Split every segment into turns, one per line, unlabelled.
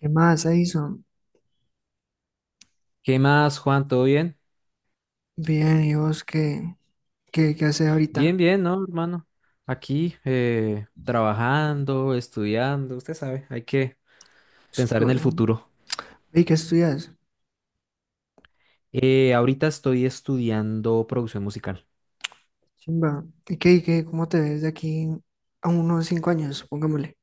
¿Qué más, Edison?
¿Qué más, Juan? ¿Todo bien?
Bien, ¿y vos qué haces ahorita?
Bien, bien, ¿no, hermano? Aquí, trabajando, estudiando, usted sabe, hay que pensar en el
Estudian.
futuro.
¿Y qué estudias?
Ahorita estoy estudiando producción musical.
Chimba. ¿Y qué, cómo te ves de aquí a unos 5 años, pongámosle?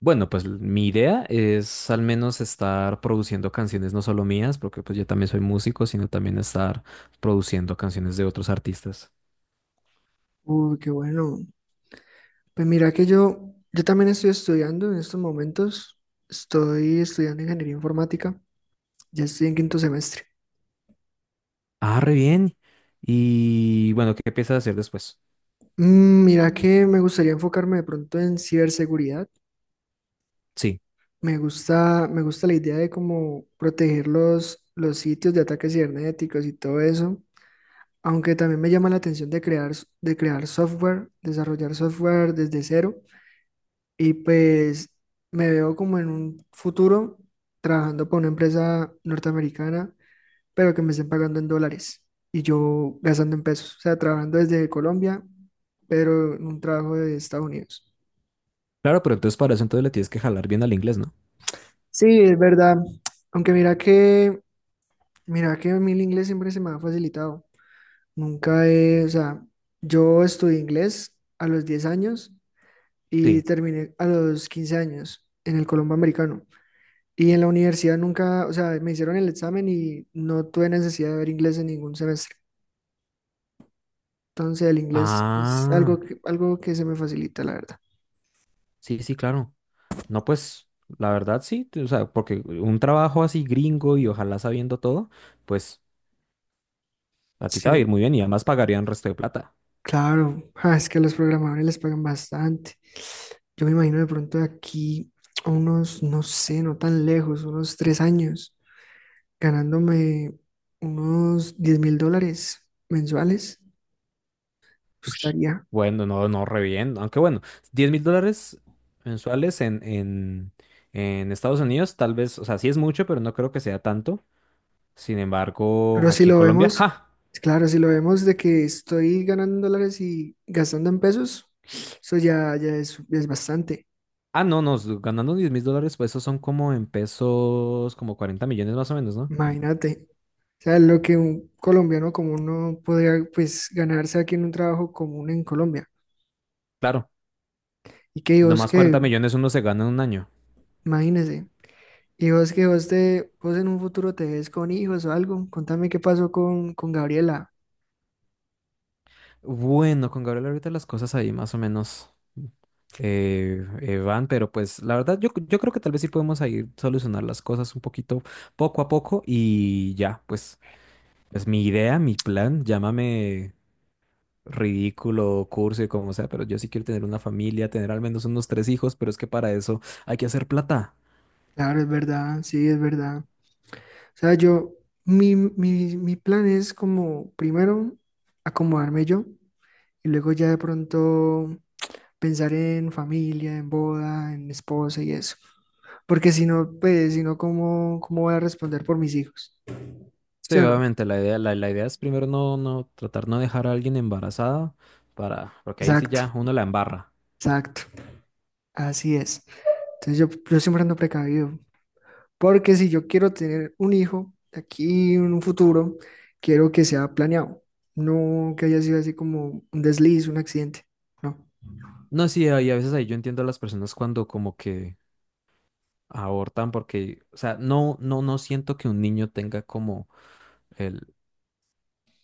Bueno, pues mi idea es al menos estar produciendo canciones no solo mías, porque pues yo también soy músico, sino también estar produciendo canciones de otros artistas.
Uy, qué bueno. Pues mira que yo también estoy estudiando en estos momentos. Estoy estudiando ingeniería informática. Ya estoy en quinto semestre.
Ah, re bien. Y bueno, ¿qué piensas hacer después?
Mira que me gustaría enfocarme de pronto en ciberseguridad.
Sí.
Me gusta la idea de cómo proteger los sitios de ataques cibernéticos y todo eso. Aunque también me llama la atención de crear software, desarrollar software desde cero. Y pues me veo como en un futuro trabajando para una empresa norteamericana, pero que me estén pagando en dólares y yo gastando en pesos. O sea, trabajando desde Colombia, pero en un trabajo de Estados Unidos.
Claro, pero entonces para eso entonces le tienes que jalar bien al inglés, ¿no?
Sí, es verdad. Aunque mira que a mí el inglés siempre se me ha facilitado. Nunca he, o sea, yo estudié inglés a los 10 años y
Sí.
terminé a los 15 años en el Colombo Americano. Y en la universidad nunca, o sea, me hicieron el examen y no tuve necesidad de ver inglés en ningún semestre. Entonces el inglés es algo
Ah.
que, algo que se me facilita, la verdad.
Sí, sí, claro. No, pues la verdad sí, o sea, porque un trabajo así gringo y ojalá sabiendo todo, pues a ti te va a ir
Sí,
muy bien y además pagarían resto de plata.
claro. Ah, es que a los programadores les pagan bastante. Yo me imagino de pronto de aquí a unos, no sé, no tan lejos, unos 3 años, ganándome unos $10.000 mensuales.
Ush.
Gustaría.
Bueno, no, no, re bien. Aunque bueno, 10.000 dólares mensuales en Estados Unidos, tal vez, o sea, sí es mucho, pero no creo que sea tanto. Sin embargo,
Pero si
aquí en
lo
Colombia,
vemos,
¡ja!
claro, si lo vemos de que estoy ganando en dólares y gastando en pesos, eso ya es bastante.
Ah, no, no, ganando 10.000 dólares, pues esos son como en pesos, como 40 millones más o menos, ¿no?
Imagínate. O sea, lo que un colombiano común no podría pues ganarse aquí en un trabajo común en Colombia.
Claro,
Y que vos
nomás
que,
40 millones uno se gana en un año.
imagínese, vos en un futuro te ves con hijos o algo. Contame qué pasó con, Gabriela.
Bueno, con Gabriel ahorita las cosas ahí más o menos van, pero pues la verdad yo creo que tal vez sí podemos ahí solucionar las cosas un poquito poco a poco y ya, pues es mi idea, mi plan, llámame ridículo, cursi, como sea, pero yo sí quiero tener una familia, tener al menos unos tres hijos, pero es que para eso hay que hacer plata.
Claro, es verdad, sí, es verdad. O sea, yo, mi plan es como primero acomodarme yo. Y luego ya de pronto pensar en familia, en boda, en esposa y eso. Porque si no, pues, si no, ¿cómo voy a responder por mis hijos?
Sí,
¿Sí o no?
obviamente la idea, la idea es primero no, no, tratar no dejar a alguien embarazada para, porque ahí sí
Exacto,
ya uno la embarra.
exacto. Así es. Entonces yo siempre ando precavido. Porque si yo quiero tener un hijo aquí en un futuro, quiero que sea planeado. No que haya sido así como un desliz, un accidente. No.
No, sí, ahí a veces ahí yo entiendo a las personas cuando como que abortan porque, o sea, no, no, no siento que un niño tenga como el,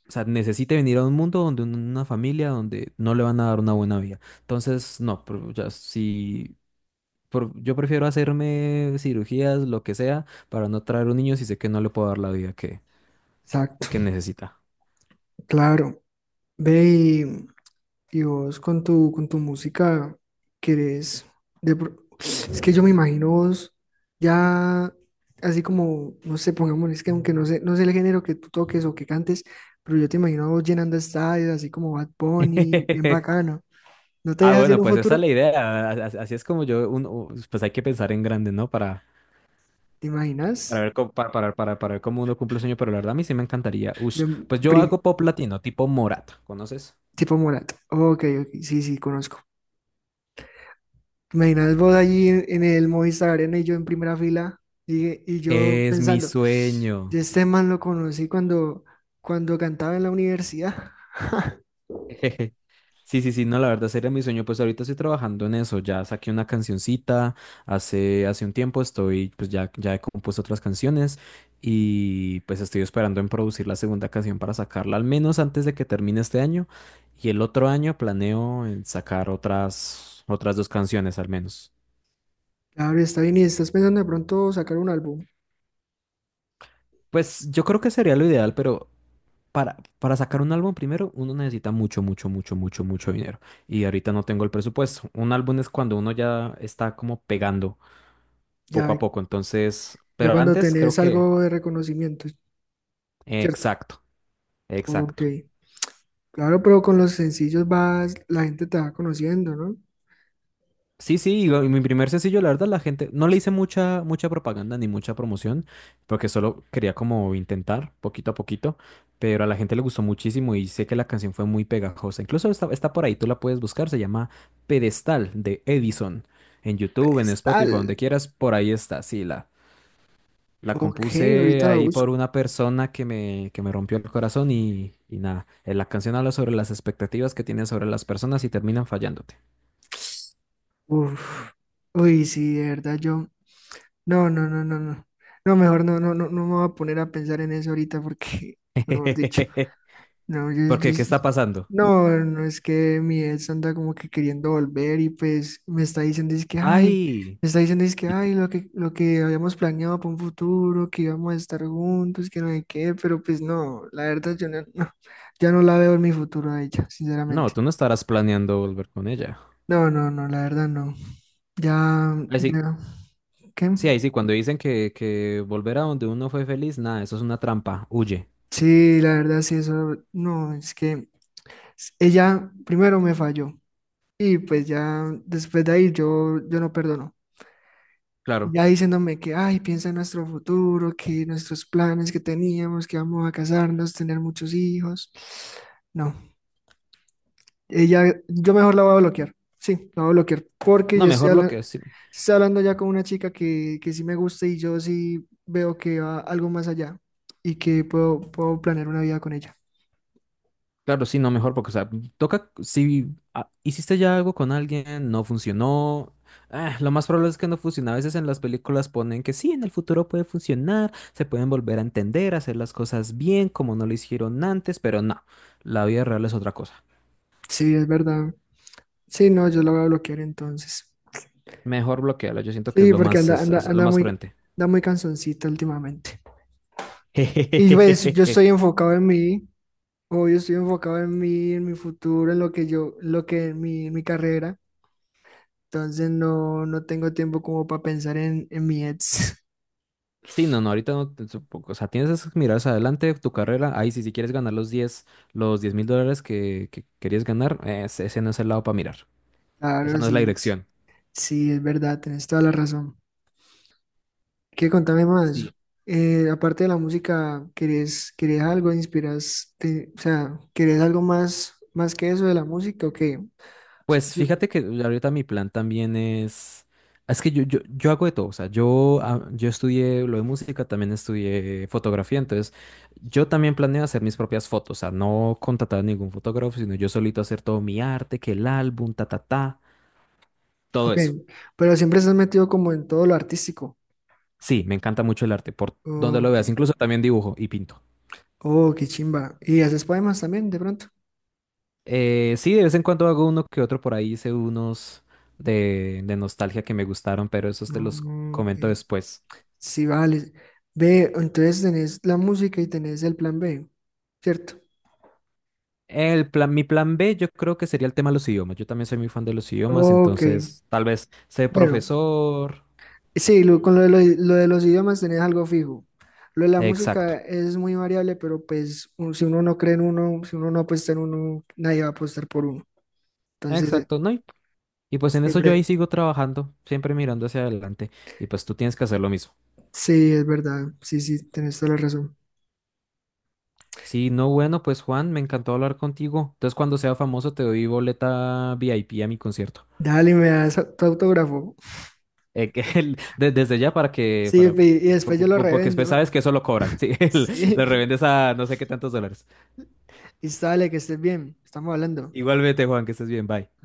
o sea, necesite venir a un mundo donde una familia donde no le van a dar una buena vida. Entonces, no, pero ya si yo prefiero hacerme cirugías, lo que sea, para no traer un niño si sé que no le puedo dar la vida
Exacto.
que necesita.
Claro. Ve y Y vos con con tu música querés. Es que yo me imagino vos ya así como, no sé, pongamos es que aunque no sé el género que tú toques o que cantes, pero yo te imagino a vos llenando estadios, así como Bad Bunny, bien bacano. ¿No te
Ah,
dejas en
bueno,
un
pues esa es
futuro?
la idea. Así es como yo, uno, pues hay que pensar en grande, ¿no?
¿Te
Para
imaginas?
ver, para ver cómo uno cumple el sueño, pero la verdad a mí sí me encantaría. Ush,
Bien,
pues yo hago pop latino, tipo Morata, ¿conoces?
tipo Morat. Ok, ok, sí, sí, conozco. Imaginas vos allí en el Movistar Arena y, yo en primera fila y yo
Es mi
pensando, yo
sueño.
este man lo conocí cuando cantaba en la universidad.
Jejeje. Sí, sí, sí, no, la verdad sería mi sueño. Pues ahorita estoy trabajando en eso. Ya saqué una cancioncita hace un tiempo. Estoy, pues ya, ya he compuesto otras canciones y pues estoy esperando en producir la segunda canción para sacarla, al menos antes de que termine este año. Y el otro año planeo en sacar otras dos canciones al menos.
Claro, está bien y estás pensando de pronto sacar un álbum,
Pues yo creo que sería lo ideal, pero para sacar un álbum primero uno necesita mucho, mucho, mucho, mucho, mucho dinero. Y ahorita no tengo el presupuesto. Un álbum es cuando uno ya está como pegando
ya,
poco a poco. Entonces,
ya
pero
cuando
antes creo
tenés
que...
algo de reconocimiento, ¿cierto?
Exacto,
Ok,
exacto.
claro, pero con los sencillos vas, la gente te va conociendo, ¿no?
Sí, sí, y mi primer sencillo, la verdad, la gente, no le hice mucha propaganda ni mucha promoción, porque solo quería como intentar poquito a poquito, pero a la gente le gustó muchísimo y sé que la canción fue muy pegajosa. Incluso está por ahí, tú la puedes buscar, se llama Pedestal de Edison. En YouTube, en
Pues
Spotify, donde
tal,
quieras, por ahí está, sí, la
ok,
compuse
ahorita la
ahí por
busco.
una persona que me rompió el corazón y nada, la canción habla sobre las expectativas que tienes sobre las personas y terminan fallándote.
Uf, uy, sí, de verdad, no, no, no, no, no. No, mejor no, no, no, no me voy a poner a pensar en eso ahorita porque, mejor dicho, no,
¿Por qué? ¿Qué está pasando?
no, no es que mi ex anda como que queriendo volver y pues me está diciendo es que, ay,
Ay, y-
lo que habíamos planeado para un futuro, que íbamos a estar juntos, que no hay qué, pero pues no, la verdad yo ya no la veo en mi futuro a ella,
no,
sinceramente.
tú no estarás planeando volver con ella.
No, no, no, la verdad no. Ya,
Ay, sí,
ya, ¿qué?
sí, ahí sí, cuando dicen que volver a donde uno fue feliz, nada, eso es una trampa, huye.
Sí, la verdad, sí, eso, no, es que ella primero me falló y pues ya después de ahí yo no perdono. Y
Claro.
ya diciéndome que, ay, piensa en nuestro futuro, que nuestros planes que teníamos, que vamos a casarnos, tener muchos hijos. No, ella, yo mejor la voy a bloquear, sí, la voy a bloquear porque
No,
ya estoy
mejor lo
hablando,
que, sí,
estoy hablando ya con una chica que sí me gusta y yo sí veo que va algo más allá y que puedo planear una vida con ella.
claro, sí, no, mejor porque, o sea, toca, si ah, hiciste ya algo con alguien, no funcionó, ah, lo más probable es que no funcione. A veces en las películas ponen que sí, en el futuro puede funcionar, se pueden volver a entender, hacer las cosas bien como no lo hicieron antes, pero no, la vida real es otra cosa.
Sí, es verdad. Sí, no, yo lo voy a bloquear entonces.
Mejor bloquearlo, yo siento que es
Sí,
lo
porque
más,
anda, anda,
es lo
anda
más
muy,
prudente.
anda muy cansoncita últimamente. Y pues yo estoy enfocado en mí, en mi futuro, en lo que yo, lo que mi carrera. Entonces no, no tengo tiempo como para pensar en mi ex.
Sí, no, no, ahorita no, supongo, o sea, tienes esas miradas adelante, tu carrera, ahí sí, si quieres ganar los 10.000 dólares que querías ganar, ese no es el lado para mirar, esa
Claro,
no es la dirección.
sí, es verdad, tenés toda la razón. ¿Qué contame más?
Sí,
Aparte de la música, ¿querés algo? ¿Inspiras? O sea, ¿querés algo más que eso de la música o qué?
pues
Y-
fíjate que ahorita mi plan también es que yo, yo hago de todo, o sea, yo, ah, yo estudié lo de música, también estudié fotografía, entonces yo también planeo hacer mis propias fotos, o sea, no contratar a ningún fotógrafo, sino yo solito hacer todo mi arte, que el álbum, ta, ta, ta, todo
Ok,
eso.
pero siempre estás metido como en todo lo artístico.
Sí, me encanta mucho el arte, por donde lo
Ok,
veas, incluso también dibujo y pinto.
oh, qué chimba. ¿Y haces poemas también de pronto?
Sí, de vez en cuando hago uno que otro, por ahí hice unos de nostalgia que me gustaron, pero esos te
No,
los
no, ok,
comento después.
sí, vale. Ve, entonces tenés la música y tenés el plan B, ¿cierto?
El plan, mi plan B yo creo que sería el tema de los idiomas. Yo también soy muy fan de los idiomas,
Ok,
entonces tal vez ser
bueno,
profesor.
sí, lo- con lo de los idiomas tenés algo fijo. Lo de la música
Exacto,
es muy variable, pero pues si uno no cree en uno, si uno no apuesta en uno, nadie va a apostar por uno. Entonces,
exacto, ¿no? Y pues en eso yo ahí
siempre,
sigo trabajando, siempre mirando hacia adelante. Y pues tú tienes que hacer lo mismo.
sí, es verdad, sí, sí, tenés toda la razón.
Si no, bueno, pues Juan, me encantó hablar contigo. Entonces cuando sea famoso te doy boleta VIP a mi concierto.
Dale, me das tu autógrafo.
Que desde ya para que,
Sí,
para,
y después yo lo
porque después
revendo.
sabes que eso lo cobran, sí, lo
Sí.
revendes a no sé qué tantos dólares.
Listo, dale, que estés bien. Estamos hablando.
Igualmente, Juan, que estés bien, bye.